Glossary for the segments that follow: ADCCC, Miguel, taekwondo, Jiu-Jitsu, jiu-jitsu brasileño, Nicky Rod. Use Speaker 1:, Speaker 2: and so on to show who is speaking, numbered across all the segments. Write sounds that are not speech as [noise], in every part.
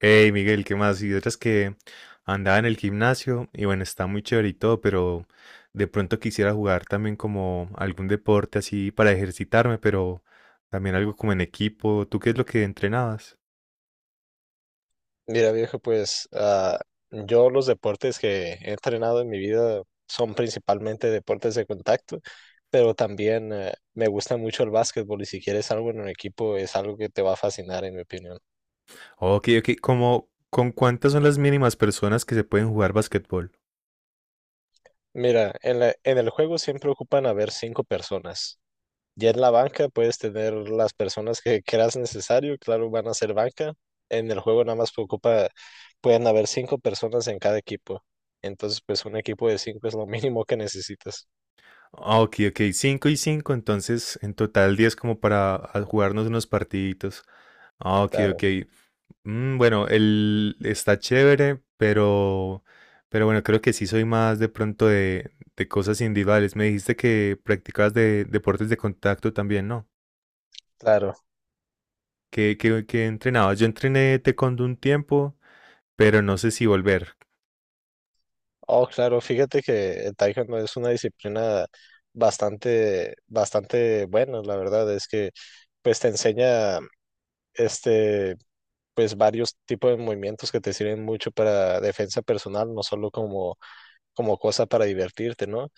Speaker 1: Hey Miguel, ¿qué más? Y otras que andaba en el gimnasio y bueno, está muy chévere y todo, pero de pronto quisiera jugar también como algún deporte así para ejercitarme, pero también algo como en equipo. ¿Tú qué es lo que entrenabas?
Speaker 2: Mira, viejo, pues yo los deportes que he entrenado en mi vida son principalmente deportes de contacto, pero también me gusta mucho el básquetbol y si quieres algo en un equipo es algo que te va a fascinar, en mi opinión.
Speaker 1: Ok, ok, ¿como con cuántas son las mínimas personas que se pueden jugar basquetbol?
Speaker 2: Mira, en el juego siempre ocupan haber cinco personas. Ya en la banca puedes tener las personas que creas necesario, claro, van a ser banca. En el juego nada más ocupa, pueden haber cinco personas en cada equipo. Entonces, pues un equipo de cinco es lo mínimo que necesitas.
Speaker 1: Ah, ok, ok, cinco y 5. Entonces en total 10 como para jugarnos unos partiditos. Ah, ok,
Speaker 2: Claro.
Speaker 1: ok. Bueno, el está chévere, pero bueno, creo que sí soy más de pronto de cosas individuales. Me dijiste que practicabas de deportes de contacto también, ¿no?
Speaker 2: Claro,
Speaker 1: ¿ qué entrenabas? Yo entrené taekwondo un tiempo, pero no sé si volver.
Speaker 2: oh, claro, fíjate que el taekwondo es una disciplina bastante buena, la verdad, es que pues te enseña este, pues varios tipos de movimientos que te sirven mucho para defensa personal, no solo como, como cosa para divertirte, ¿no?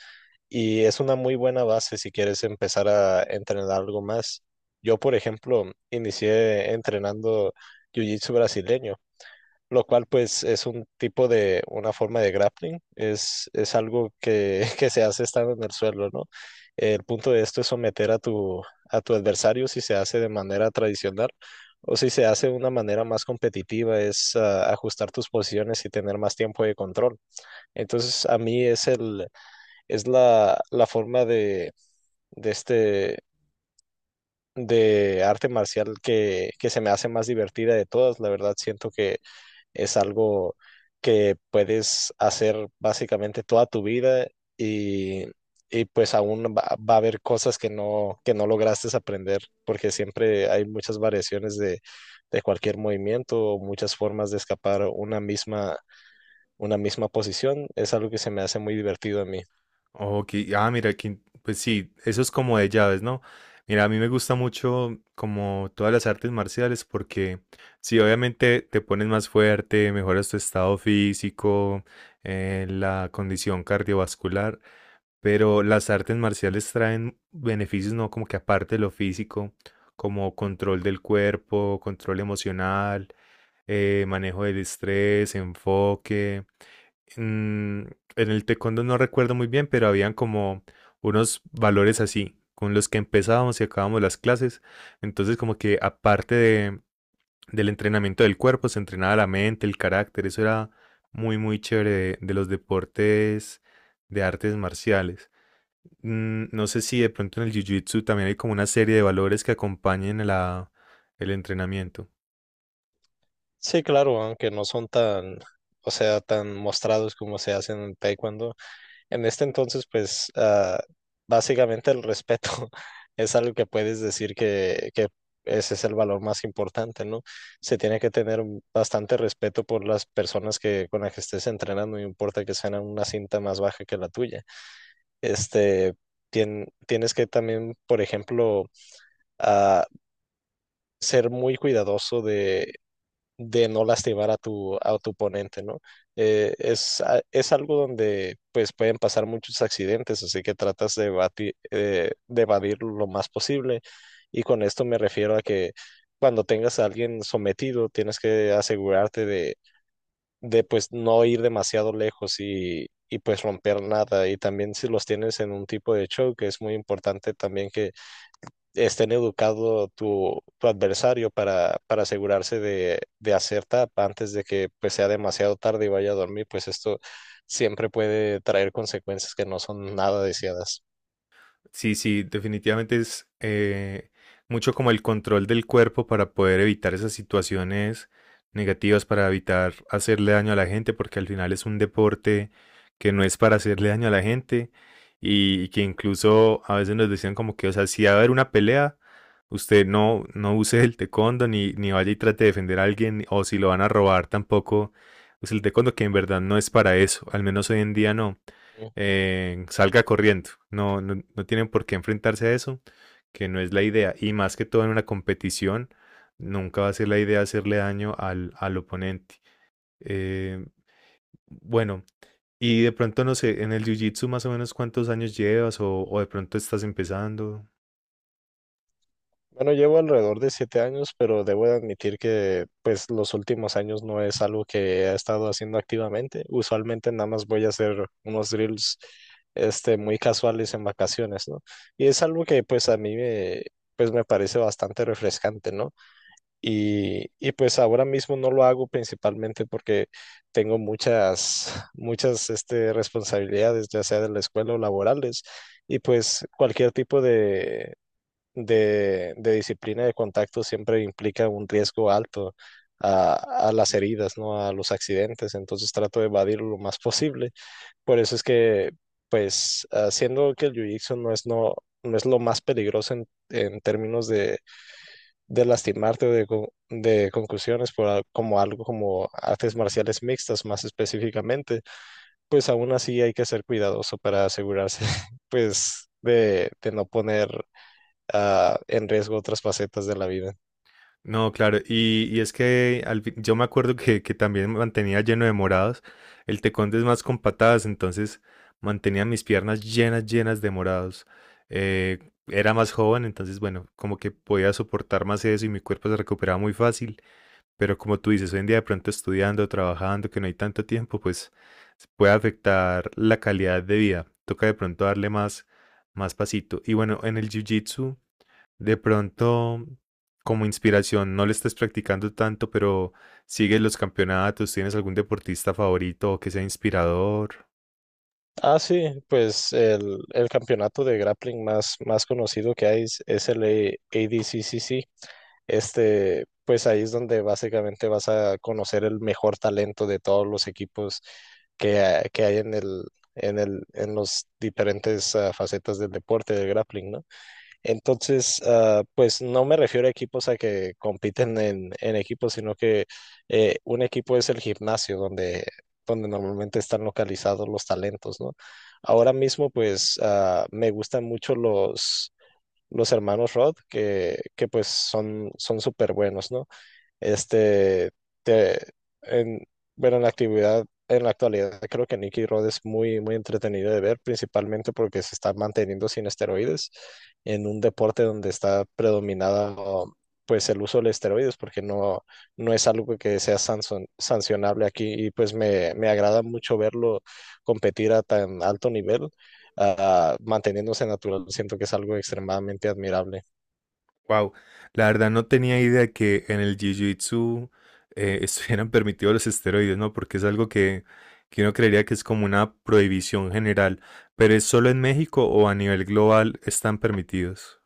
Speaker 2: Y es una muy buena base si quieres empezar a entrenar algo más. Yo, por ejemplo, inicié entrenando jiu-jitsu brasileño. Lo cual pues es un tipo de, una forma de grappling, es algo que, [laughs] que se hace estando en el suelo, ¿no? El punto de esto es someter a tu adversario si se hace de manera tradicional o si se hace de una manera más competitiva, es ajustar tus posiciones y tener más tiempo de control. Entonces a mí es, el, es la, la forma de de arte marcial que se me hace más divertida de todas, la verdad siento que es algo que puedes hacer básicamente toda tu vida y, y pues aún va a haber cosas que no lograste aprender, porque siempre hay muchas variaciones de cualquier movimiento o muchas formas de escapar una misma posición. Es algo que se me hace muy divertido a mí.
Speaker 1: Ok, mira, que, pues sí, eso es como de llaves, ¿no? Mira, a mí me gusta mucho como todas las artes marciales porque sí, obviamente te pones más fuerte, mejoras tu estado físico, la condición cardiovascular, pero las artes marciales traen beneficios, ¿no? Como que aparte de lo físico, como control del cuerpo, control emocional, manejo del estrés, enfoque en el taekwondo no recuerdo muy bien, pero habían como unos valores así, con los que empezábamos y acabábamos las clases. Entonces, como que aparte del entrenamiento del cuerpo, se entrenaba la mente, el carácter. Eso era muy, muy chévere de los deportes de artes marciales. Mm, no sé si de pronto en el jiu-jitsu también hay como una serie de valores que acompañen a el entrenamiento.
Speaker 2: Sí, claro, aunque no son tan, o sea, tan mostrados como se hacen en taekwondo. En este entonces, pues básicamente el respeto [laughs] es algo que puedes decir que ese es el valor más importante, ¿no? Se tiene que tener bastante respeto por las personas con las que estés entrenando, no importa que sean una cinta más baja que la tuya. Este, tienes que también, por ejemplo, ah, ser muy cuidadoso de no lastimar a tu oponente, ¿no? Es algo donde pues pueden pasar muchos accidentes, así que tratas de, de evadir lo más posible. Y con esto me refiero a que cuando tengas a alguien sometido, tienes que asegurarte de pues no ir demasiado lejos y pues romper nada. Y también si los tienes en un tipo de choke, es muy importante también que estén educado tu adversario para asegurarse de hacer tap antes de que pues, sea demasiado tarde y vaya a dormir, pues esto siempre puede traer consecuencias que no son nada deseadas.
Speaker 1: Sí, sí, definitivamente es mucho como el control del cuerpo para poder evitar esas situaciones negativas, para evitar hacerle daño a la gente, porque al final es un deporte que no es para hacerle daño a la gente y que incluso a veces nos decían como que, o sea, si va a haber una pelea, usted no, no use el taekwondo ni, ni vaya y trate de defender a alguien, o si lo van a robar tampoco use el taekwondo, que en verdad no es para eso, al menos hoy en día no.
Speaker 2: Mm.
Speaker 1: Eh, salga corriendo. No, no, no tienen por qué enfrentarse a eso, que no es la idea. Y más que todo en una competición, nunca va a ser la idea hacerle daño al oponente. Eh, bueno, y de pronto no sé, en el jiu-jitsu más o menos cuántos años llevas o de pronto estás empezando.
Speaker 2: Bueno, llevo alrededor de siete años, pero debo de admitir que pues los últimos años no es algo que he estado haciendo activamente. Usualmente nada más voy a hacer unos drills muy casuales en vacaciones, ¿no? Y es algo que pues a pues me parece bastante refrescante, ¿no? Y pues ahora mismo no lo hago principalmente porque tengo muchas responsabilidades, ya sea de la escuela o laborales, y pues cualquier tipo de disciplina de contacto siempre implica un riesgo alto a las heridas, ¿no? A los accidentes, entonces trato de evadirlo lo más posible. Por eso es que, pues, haciendo que el jiu-jitsu no no es lo más peligroso en términos de lastimarte o de, de conclusiones por como algo como artes marciales mixtas más específicamente, pues aún así hay que ser cuidadoso para asegurarse [laughs] pues de no poner en riesgo otras facetas de la vida.
Speaker 1: No, claro, y es que al fin- yo me acuerdo que también me mantenía lleno de morados, el tecón es más con patadas, entonces mantenía mis piernas llenas, llenas de morados. Eh, era más joven, entonces bueno, como que podía soportar más eso y mi cuerpo se recuperaba muy fácil, pero como tú dices, hoy en día de pronto estudiando, trabajando, que no hay tanto tiempo, pues se puede afectar la calidad de vida, toca de pronto darle más, más pasito. Y bueno, en el jiu-jitsu... De pronto, como inspiración, no le estés practicando tanto, pero sigues los campeonatos, ¿tienes algún deportista favorito o que sea inspirador?
Speaker 2: Ah, sí, pues el campeonato de grappling más conocido que hay es el ADCCC, este, pues ahí es donde básicamente vas a conocer el mejor talento de todos los equipos que, que hay en en los diferentes facetas del deporte del grappling, ¿no? Entonces, pues no me refiero a equipos a que compiten en equipos, sino que un equipo es el gimnasio donde, donde normalmente están localizados los talentos, ¿no? Ahora mismo, pues me gustan mucho los hermanos Rod, que pues son son súper buenos, ¿no? Este, te, en, bueno, en la actualidad, creo que Nicky Rod es muy entretenido de ver, principalmente porque se está manteniendo sin esteroides en un deporte donde está predominado, pues, el uso de esteroides, porque no es algo que sea sancionable aquí y pues me agrada mucho verlo competir a tan alto nivel, manteniéndose natural. Siento que es algo extremadamente admirable.
Speaker 1: Wow, la verdad no tenía idea que en el jiu-jitsu [laughs] estuvieran permitidos los esteroides, ¿no? Porque es algo que uno creería que es como una prohibición general, pero ¿es solo en México o a nivel global están permitidos?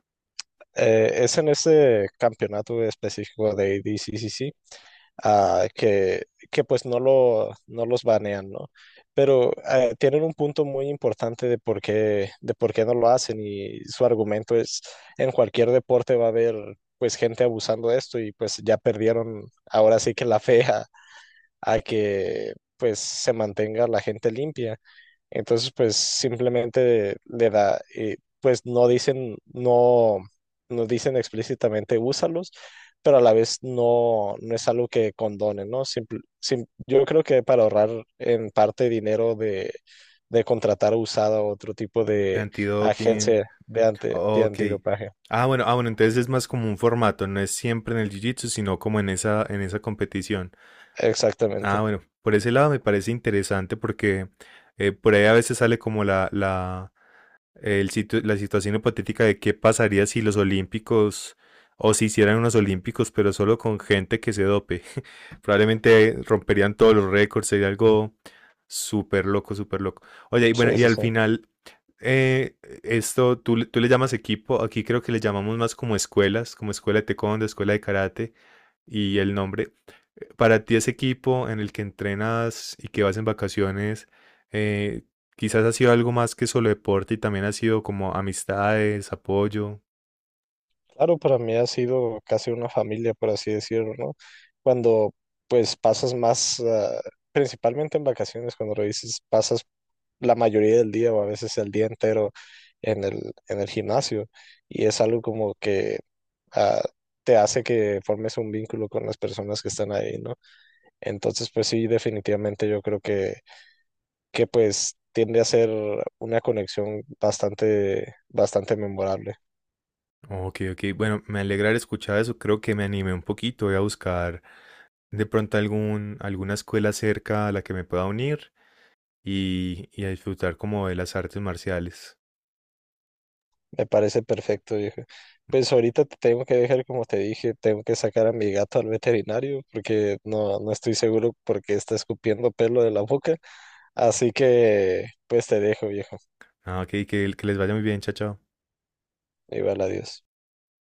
Speaker 2: Es en ese campeonato específico de ADCCC ah, que, que pues no, lo, no los banean, ¿no? Pero tienen un punto muy importante de por qué no lo hacen y su argumento es, en cualquier deporte va a haber pues gente abusando de esto y pues ya perdieron ahora sí que la fe a que pues se mantenga la gente limpia. Entonces, pues simplemente le da, pues no dicen, no, no dicen explícitamente úsalos, pero a la vez no, no es algo que condonen, ¿no? Yo creo que para ahorrar en parte dinero de contratar usada o otro tipo
Speaker 1: De
Speaker 2: de
Speaker 1: antidoping.
Speaker 2: agencia de, de
Speaker 1: Ok.
Speaker 2: antidopaje.
Speaker 1: Ah, bueno, ah, bueno, entonces es más como un formato, no es siempre en el jiu-jitsu, sino como en esa competición.
Speaker 2: Exactamente.
Speaker 1: Ah, bueno, por ese lado me parece interesante porque por ahí a veces sale como el la situación hipotética de qué pasaría si los olímpicos o si hicieran unos olímpicos, pero solo con gente que se dope. [laughs] Probablemente romperían todos los récords, sería algo súper loco, súper loco. Oye, y bueno,
Speaker 2: Sí,
Speaker 1: y
Speaker 2: sí,
Speaker 1: al
Speaker 2: sí.
Speaker 1: final, eh, esto, tú, tú le llamas equipo, aquí creo que le llamamos más como escuelas, como escuela de taekwondo, escuela de karate y el nombre. Para ti ese equipo en el que entrenas y que vas en vacaciones, eh, quizás ha sido algo más que solo deporte y también ha sido como amistades, apoyo.
Speaker 2: Claro, para mí ha sido casi una familia, por así decirlo, ¿no? Cuando pues pasas más, principalmente en vacaciones, cuando lo dices, pasas la mayoría del día o a veces el día entero en en el gimnasio y es algo como que ah, te hace que formes un vínculo con las personas que están ahí, ¿no? Entonces, pues sí, definitivamente yo creo que pues tiende a ser una conexión bastante memorable.
Speaker 1: Ok, ok, bueno, me alegra haber escuchado eso, creo que me animé un poquito, voy a buscar de pronto algún, alguna escuela cerca a la que me pueda unir y a disfrutar como de las artes marciales.
Speaker 2: Me parece perfecto, viejo. Pues ahorita te tengo que dejar, como te dije, tengo que sacar a mi gato al veterinario porque no, no estoy seguro porque está escupiendo pelo de la boca. Así que, pues te dejo, viejo.
Speaker 1: Ah, ok, que les vaya muy bien, chao, chao.
Speaker 2: Igual, adiós.